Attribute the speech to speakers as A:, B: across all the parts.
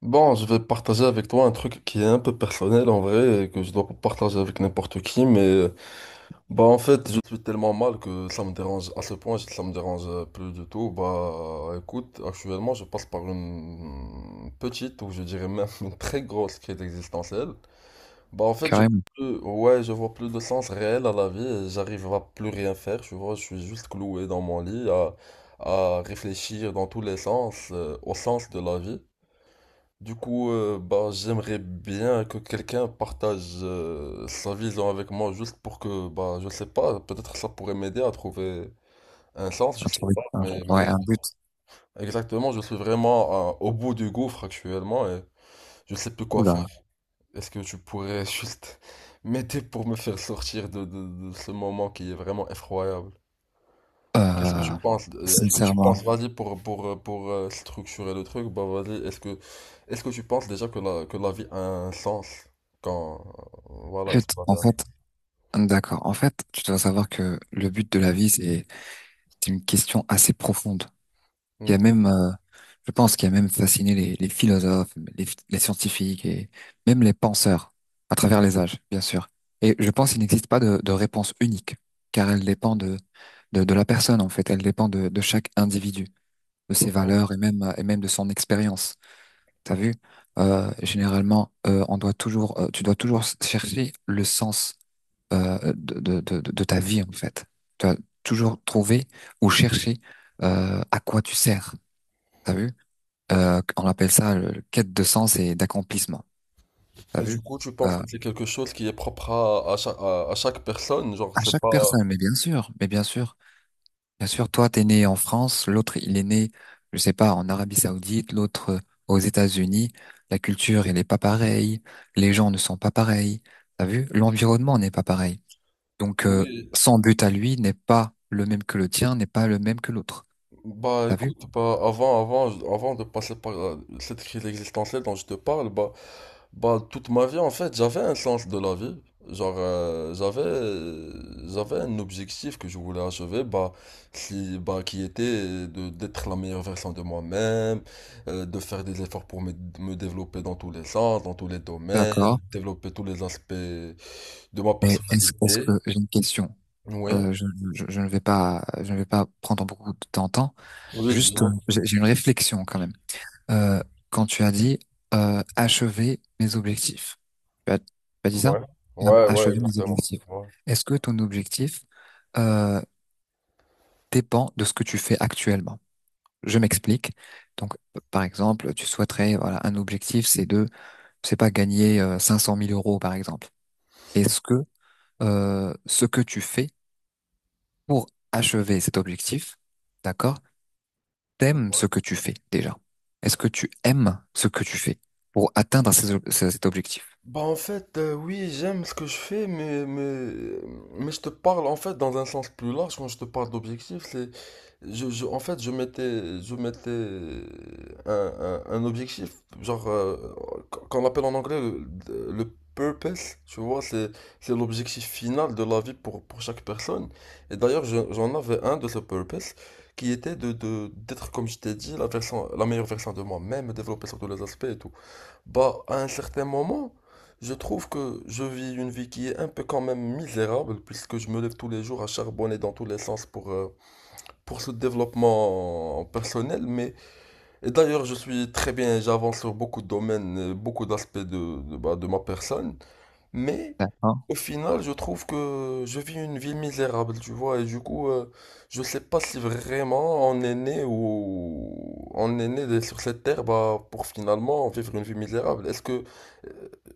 A: Bon, je vais partager avec toi un truc qui est un peu personnel en vrai et que je dois pas partager avec n'importe qui, mais bah en fait je suis tellement mal que ça me dérange à ce point, si ça me dérange plus du tout. Bah écoute, actuellement je passe par une petite ou je dirais même une très grosse crise existentielle. Bah en fait je vois
B: Carrément.
A: plus, ouais je vois plus de sens réel à la vie, et j'arrive à plus rien faire, tu vois, je suis juste cloué dans mon lit à réfléchir dans tous les sens, au sens de la vie. Du coup, bah, j'aimerais bien que quelqu'un partage sa vision avec moi juste pour que, bah, je sais pas, peut-être ça pourrait m'aider à trouver un sens, je
B: Un
A: sais
B: truc,
A: pas, mais,
B: ouais,
A: mais
B: un but.
A: exactement, je suis vraiment au bout du gouffre actuellement et je sais plus quoi faire.
B: Oula.
A: Est-ce que tu pourrais juste m'aider pour me faire sortir de, de ce moment qui est vraiment effroyable? Qu'est-ce que tu
B: Euh,
A: penses? Est-ce que tu
B: Sincèrement.
A: penses, vas-y, pour structurer le truc, bah vas-y, est-ce que tu penses déjà que que la vie a un sens quand, voilà, est-ce que la vie
B: En
A: a un
B: fait,
A: sens?
B: d'accord. En fait, tu dois savoir que le but de la vie, c'est une question assez profonde. Il y a
A: Hmm,
B: même, Je pense qu'il y a même fasciné les philosophes, les scientifiques et même les penseurs à travers les âges, bien sûr. Et je pense qu'il n'existe pas de réponse unique, car elle dépend de la personne, en fait. Elle dépend de chaque individu, de ses
A: ouais.
B: valeurs et même de son expérience. T'as vu? Généralement, tu dois toujours chercher le sens de ta vie, en fait. Tu dois toujours trouver ou chercher à quoi tu sers. T'as vu? On appelle ça le quête de sens et d'accomplissement. T'as
A: Mais du
B: vu?
A: coup, tu penses
B: Euh,
A: que c'est quelque chose qui est propre à, chaque, à chaque personne, genre,
B: à
A: c'est
B: chaque
A: pas...
B: personne, mais bien sûr, bien sûr, toi, t'es né en France, l'autre, il est né, je sais pas, en Arabie Saoudite, l'autre, aux États-Unis. La culture, elle est pas pareille. Les gens ne sont pas pareils. T'as vu? L'environnement n'est pas pareil. Donc,
A: Oui,
B: son but à lui n'est pas le même que le tien, n'est pas le même que l'autre.
A: bah
B: T'as vu?
A: écoute, bah, avant de passer par cette crise existentielle dont je te parle, bah, bah, toute ma vie, en fait, j'avais un sens de la vie. Genre, j'avais un objectif que je voulais achever, bah, qui était de, d'être la meilleure version de moi-même, de faire des efforts pour me développer dans tous les sens, dans tous les domaines,
B: D'accord.
A: développer tous les aspects de ma
B: Mais est-ce que
A: personnalité.
B: j'ai une question?
A: Oui.
B: Euh, je, je ne vais pas prendre beaucoup de ton temps.
A: Oui,
B: Juste,
A: dis-moi.
B: j'ai une réflexion quand même. Euh, quand tu as dit achever mes objectifs. Tu as dit ça?
A: Ouais.
B: Ah,
A: Ouais, ouais,
B: achever mes
A: exactement.
B: objectifs.
A: Ouais.
B: Est-ce que ton objectif euh, dépend de ce que tu fais actuellement? Je m'explique. Donc, par exemple, tu souhaiterais, voilà, un objectif, c'est pas gagner 500 000 euros, par exemple. Est-ce que ce que tu fais pour achever cet objectif, d'accord, t'aimes ce que tu fais déjà? Est-ce que tu aimes ce que tu fais pour atteindre cet objectif?
A: Bah en fait, oui, j'aime ce que je fais, mais je te parle en fait dans un sens plus large, quand je te parle d'objectif, c'est, en fait, je mettais un objectif, genre, qu'on appelle en anglais le purpose, tu vois, c'est l'objectif final de la vie pour chaque personne. Et d'ailleurs, j'en avais un de ce purpose, qui était de, d'être, comme je t'ai dit, la meilleure version de moi-même, me développer sur tous les aspects et tout. Bah, à un certain moment, je trouve que je vis une vie qui est un peu quand même misérable, puisque je me lève tous les jours à charbonner dans tous les sens pour ce développement personnel. Mais, et d'ailleurs, je suis très bien, j'avance sur beaucoup de domaines, beaucoup d'aspects de, bah, de ma personne. Mais,
B: D'accord.
A: au final, je trouve que je vis une vie misérable, tu vois. Et du coup, je sais pas si vraiment on est né ou on est né sur cette terre bah, pour finalement vivre une vie misérable. Est-ce que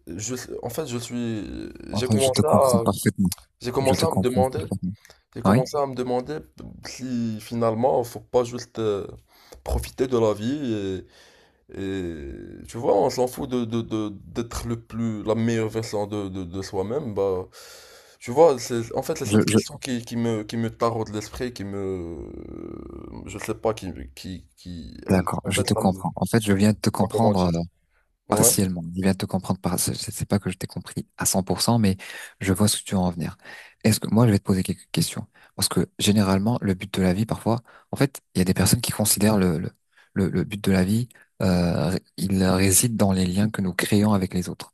A: en fait,
B: Enfin, je te comprends parfaitement.
A: j'ai
B: Je
A: commencé
B: te
A: à me
B: comprends
A: demander,
B: parfaitement.
A: j'ai
B: Oui?
A: commencé à me demander si finalement, faut pas juste profiter de la vie et, tu vois, on s'en fout de, d'être la meilleure version de, de soi-même. Bah, tu vois, c'est, en fait, c'est
B: Je,
A: cette
B: je,
A: question qui, qui me taraude l'esprit, qui me, je sais pas, qui,
B: d'accord,
A: en
B: je
A: fait,
B: te
A: ça me, je
B: comprends. En fait, je viens de te
A: sais pas comment
B: comprendre.
A: dire.
B: euh,
A: Ouais,
B: partiellement. Il vient de te comprendre c'est pas que je t'ai compris à 100%, mais je vois ce que tu veux en venir. Est-ce que, moi, je vais te poser quelques questions. Parce que, généralement, le but de la vie, parfois, en fait, il y a des personnes qui considèrent le but de la vie, il réside dans les liens que nous créons avec les autres.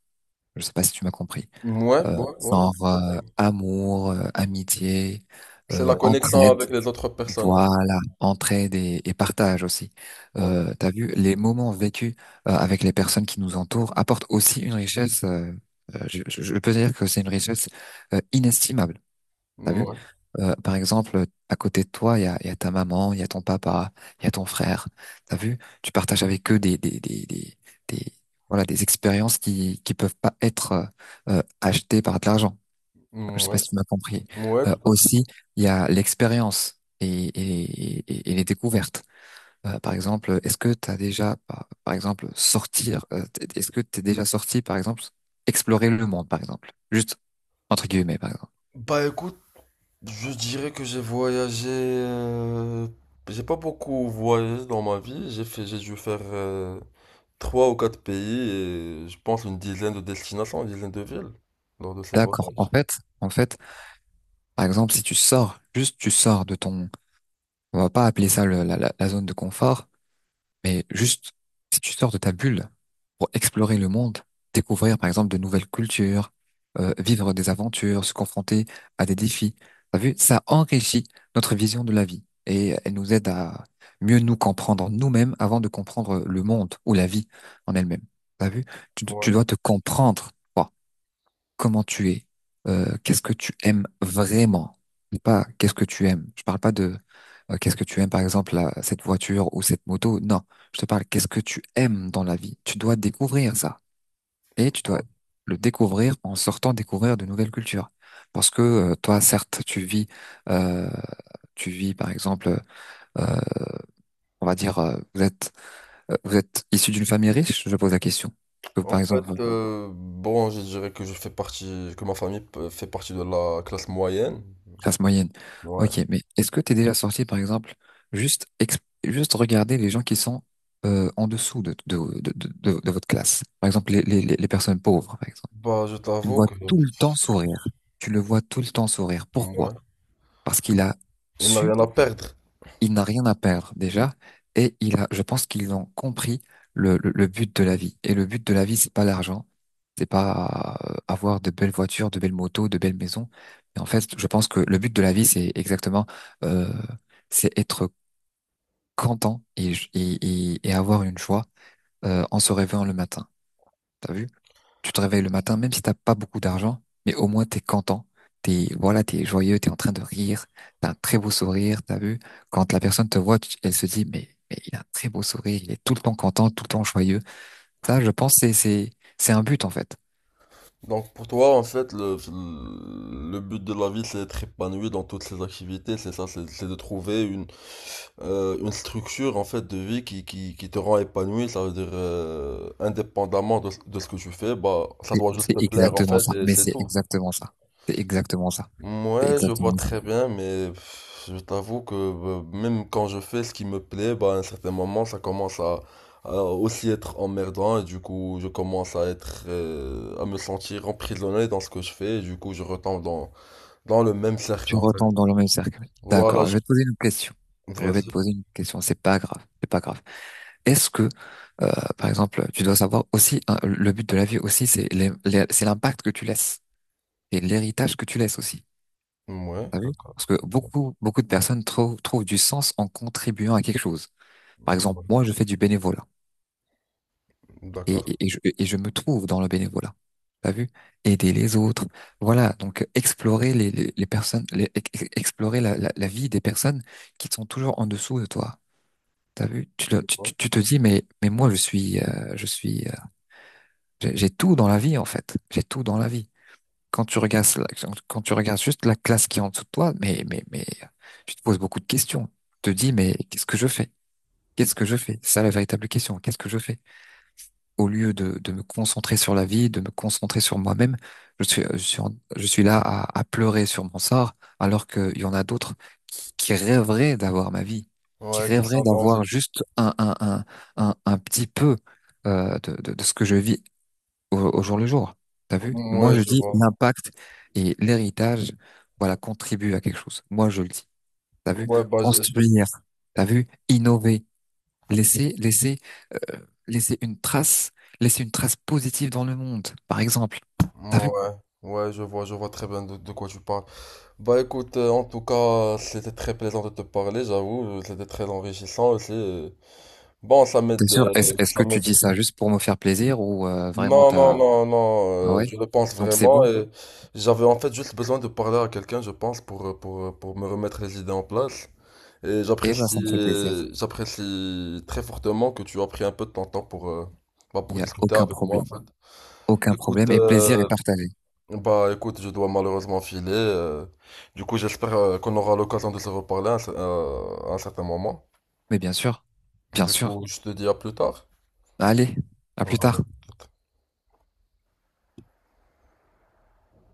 B: Je sais pas si tu m'as compris.
A: ouais,
B: Euh,
A: ouais, ouais.
B: genre, amour, amitié,
A: C'est la connexion
B: entraide.
A: avec les autres personnes.
B: Voilà, entraide et partage aussi.
A: Ouais,
B: T'as vu, les moments vécus avec les personnes qui nous entourent apportent aussi une richesse. Je peux dire que c'est une richesse inestimable. T'as vu?
A: ouais,
B: Par exemple, à côté de toi, il y a ta maman, il y a ton papa, il y a ton frère. T'as vu? Tu partages avec eux des- voilà, des expériences qui peuvent pas être achetées par de l'argent. Je sais pas
A: ouais,
B: si tu m'as compris.
A: ouais, tout à fait.
B: Aussi, il y a l'expérience et les découvertes. Par exemple, est-ce que tu as déjà, par exemple, est-ce que tu es déjà sorti, par exemple, explorer le monde, par exemple? Juste, entre guillemets, par exemple.
A: Bah écoute, je dirais que j'ai voyagé. J'ai pas beaucoup voyagé dans ma vie. J'ai dû faire trois ou quatre pays et je pense une dizaine de destinations, une dizaine de villes lors de ces
B: D'accord. En
A: voyages.
B: fait, en fait, par exemple, si tu sors, juste tu sors de ton, on va pas appeler ça la zone de confort. Mais juste, si tu sors de ta bulle pour explorer le monde, découvrir par exemple de nouvelles cultures, vivre des aventures, se confronter à des défis, t'as vu, ça enrichit notre vision de la vie et elle nous aide à mieux nous comprendre nous-mêmes avant de comprendre le monde ou la vie en elle-même. T'as vu, tu
A: Ouais,
B: dois te comprendre. Toi, comment tu es, qu'est-ce que tu aimes vraiment, pas qu'est-ce que tu aimes. Je parle pas de qu'est-ce que tu aimes, par exemple, cette voiture ou cette moto. Non, je te parle qu'est-ce que tu aimes dans la vie. Tu dois découvrir ça et tu dois
A: ouais.
B: le découvrir en sortant découvrir de nouvelles cultures. Parce que toi, certes, euh, tu vis, par exemple, euh, on va dire, vous êtes issu d'une famille riche. Je pose la question. Que, par
A: En
B: exemple,
A: fait, bon, je dirais que je fais partie, que ma famille fait partie de la classe moyenne.
B: Classe moyenne.
A: Ouais.
B: Ok, mais est-ce que t'es déjà sorti, par exemple, juste, juste regarder les gens qui sont en dessous de votre classe? Par exemple, les personnes pauvres, par exemple.
A: Bah, je
B: Tu le
A: t'avoue
B: vois
A: que, ouais,
B: tout le temps sourire. Tu le vois tout le temps sourire. Pourquoi? Parce qu'il a
A: il n'a
B: su
A: rien à perdre.
B: il n'a rien à perdre déjà, je pense qu'ils ont compris le but de la vie. Et le but de la vie, c'est pas l'argent, c'est pas avoir de belles voitures, de belles motos, de belles maisons. Mais en fait, je pense que le but de la vie, c'est exactement, euh, c'est être content et avoir une joie en se réveillant le matin. T'as vu? Tu te réveilles le matin, même si t'as pas beaucoup d'argent, mais au moins t'es content. T'es, voilà, t'es joyeux, t'es en train de rire, t'as un très beau sourire, t'as vu? Quand la personne te voit, tu- elle se dit, mais il a un très beau sourire, il est tout le temps content, tout le temps joyeux. Ça, je pense, c'est un but, en fait.
A: Donc pour toi, en fait, le but de la vie, c'est d'être épanoui dans toutes ses activités, c'est ça, c'est de trouver une structure, en fait, de vie qui, qui te rend épanoui, ça veut dire, indépendamment de ce que tu fais, bah, ça
B: C'est
A: doit juste
B: c'est
A: te plaire, en
B: exactement
A: fait,
B: ça.
A: et
B: Mais
A: c'est
B: c'est
A: tout.
B: exactement ça. C'est exactement ça. C'est
A: Ouais, je vois
B: exactement ça.
A: très bien, mais pff, je t'avoue que même quand je fais ce qui me plaît, bah, à un certain moment, ça commence à aussi être emmerdant et du coup, je commence à être, à me sentir emprisonné dans ce que je fais et du coup, je retombe dans, dans le même cercle,
B: Tu
A: en fait.
B: retombes dans le même cercle.
A: Voilà,
B: D'accord.
A: je...
B: Je vais te poser une question. Je vais te
A: vas-y.
B: poser une question. C'est pas grave. C'est pas grave. Est-ce que, euh, par exemple, tu dois savoir aussi, hein, le but de la vie aussi, c'est c'est l'impact que tu laisses et l'héritage que tu laisses aussi.
A: Ouais,
B: T'as vu?
A: d'accord.
B: Parce que beaucoup, beaucoup de personnes trouvent du sens en contribuant à quelque chose. Par exemple,
A: Ouais,
B: moi, je fais du bénévolat
A: d'accord.
B: et je me trouve dans le bénévolat. T'as vu? Aider les autres. Voilà. Donc, explorer les personnes, explorer la vie des personnes qui sont toujours en dessous de toi. T'as vu? Tu, le- tu, tu tu te dis, mais moi, je suis j'ai tout dans la vie, en fait. J'ai tout dans la vie. Quand tu regardes, quand tu regardes juste la classe qui est en dessous de toi, mais, tu te poses beaucoup de questions. Tu te dis, mais qu'est-ce que je fais? Qu'est-ce que je fais? C'est ça la véritable question. Qu'est-ce que je fais? Au lieu de me concentrer sur la vie, de me concentrer sur moi-même, je suis là à pleurer sur mon sort, alors qu'il y en a d'autres qui rêveraient d'avoir ma vie, qui
A: Ouais, qui
B: rêveraient
A: sont dans
B: d'avoir
A: une-
B: juste un petit peu, de ce que je vis au jour le jour. T'as vu? Moi,
A: ouais,
B: je
A: je
B: dis
A: vois.
B: l'impact et l'héritage, voilà, contribue à quelque chose. Moi, je le dis. T'as vu?
A: Ouais, bah,
B: Construire. T'as vu? Innover. Laisser, laisser, euh, laisser une trace, positive dans le monde, par exemple. T'as vu?
A: ouais, ouais, je vois très bien de quoi tu parles. Bah écoute, en tout cas, c'était très plaisant de te parler, j'avoue, c'était très enrichissant aussi. Bon, ça
B: T'es
A: m'aide,
B: sûr? Est-ce, est-ce
A: ça
B: que tu
A: m'aide.
B: dis ça juste pour me faire plaisir ou vraiment
A: Non, non,
B: t'as...
A: non,
B: Ah
A: non, euh,
B: ouais?
A: je le pense
B: Donc c'est
A: vraiment
B: bon?
A: et j'avais en fait juste besoin de parler à quelqu'un, je pense, pour, pour me remettre les idées en place. Et
B: Eh ben, ça
A: j'apprécie,
B: me fait plaisir.
A: j'apprécie très fortement que tu as pris un peu de ton temps pour, bah,
B: Il y
A: pour
B: a
A: discuter
B: aucun
A: avec moi, en
B: problème.
A: fait.
B: Aucun
A: Écoute,
B: problème. Et plaisir est partagé.
A: bah écoute, je dois malheureusement filer. Du coup, j'espère qu'on aura l'occasion de se reparler à un à un certain moment.
B: Mais bien sûr. Bien
A: Du
B: sûr.
A: coup, je te dis à plus tard.
B: Allez, à plus
A: Voilà.
B: tard.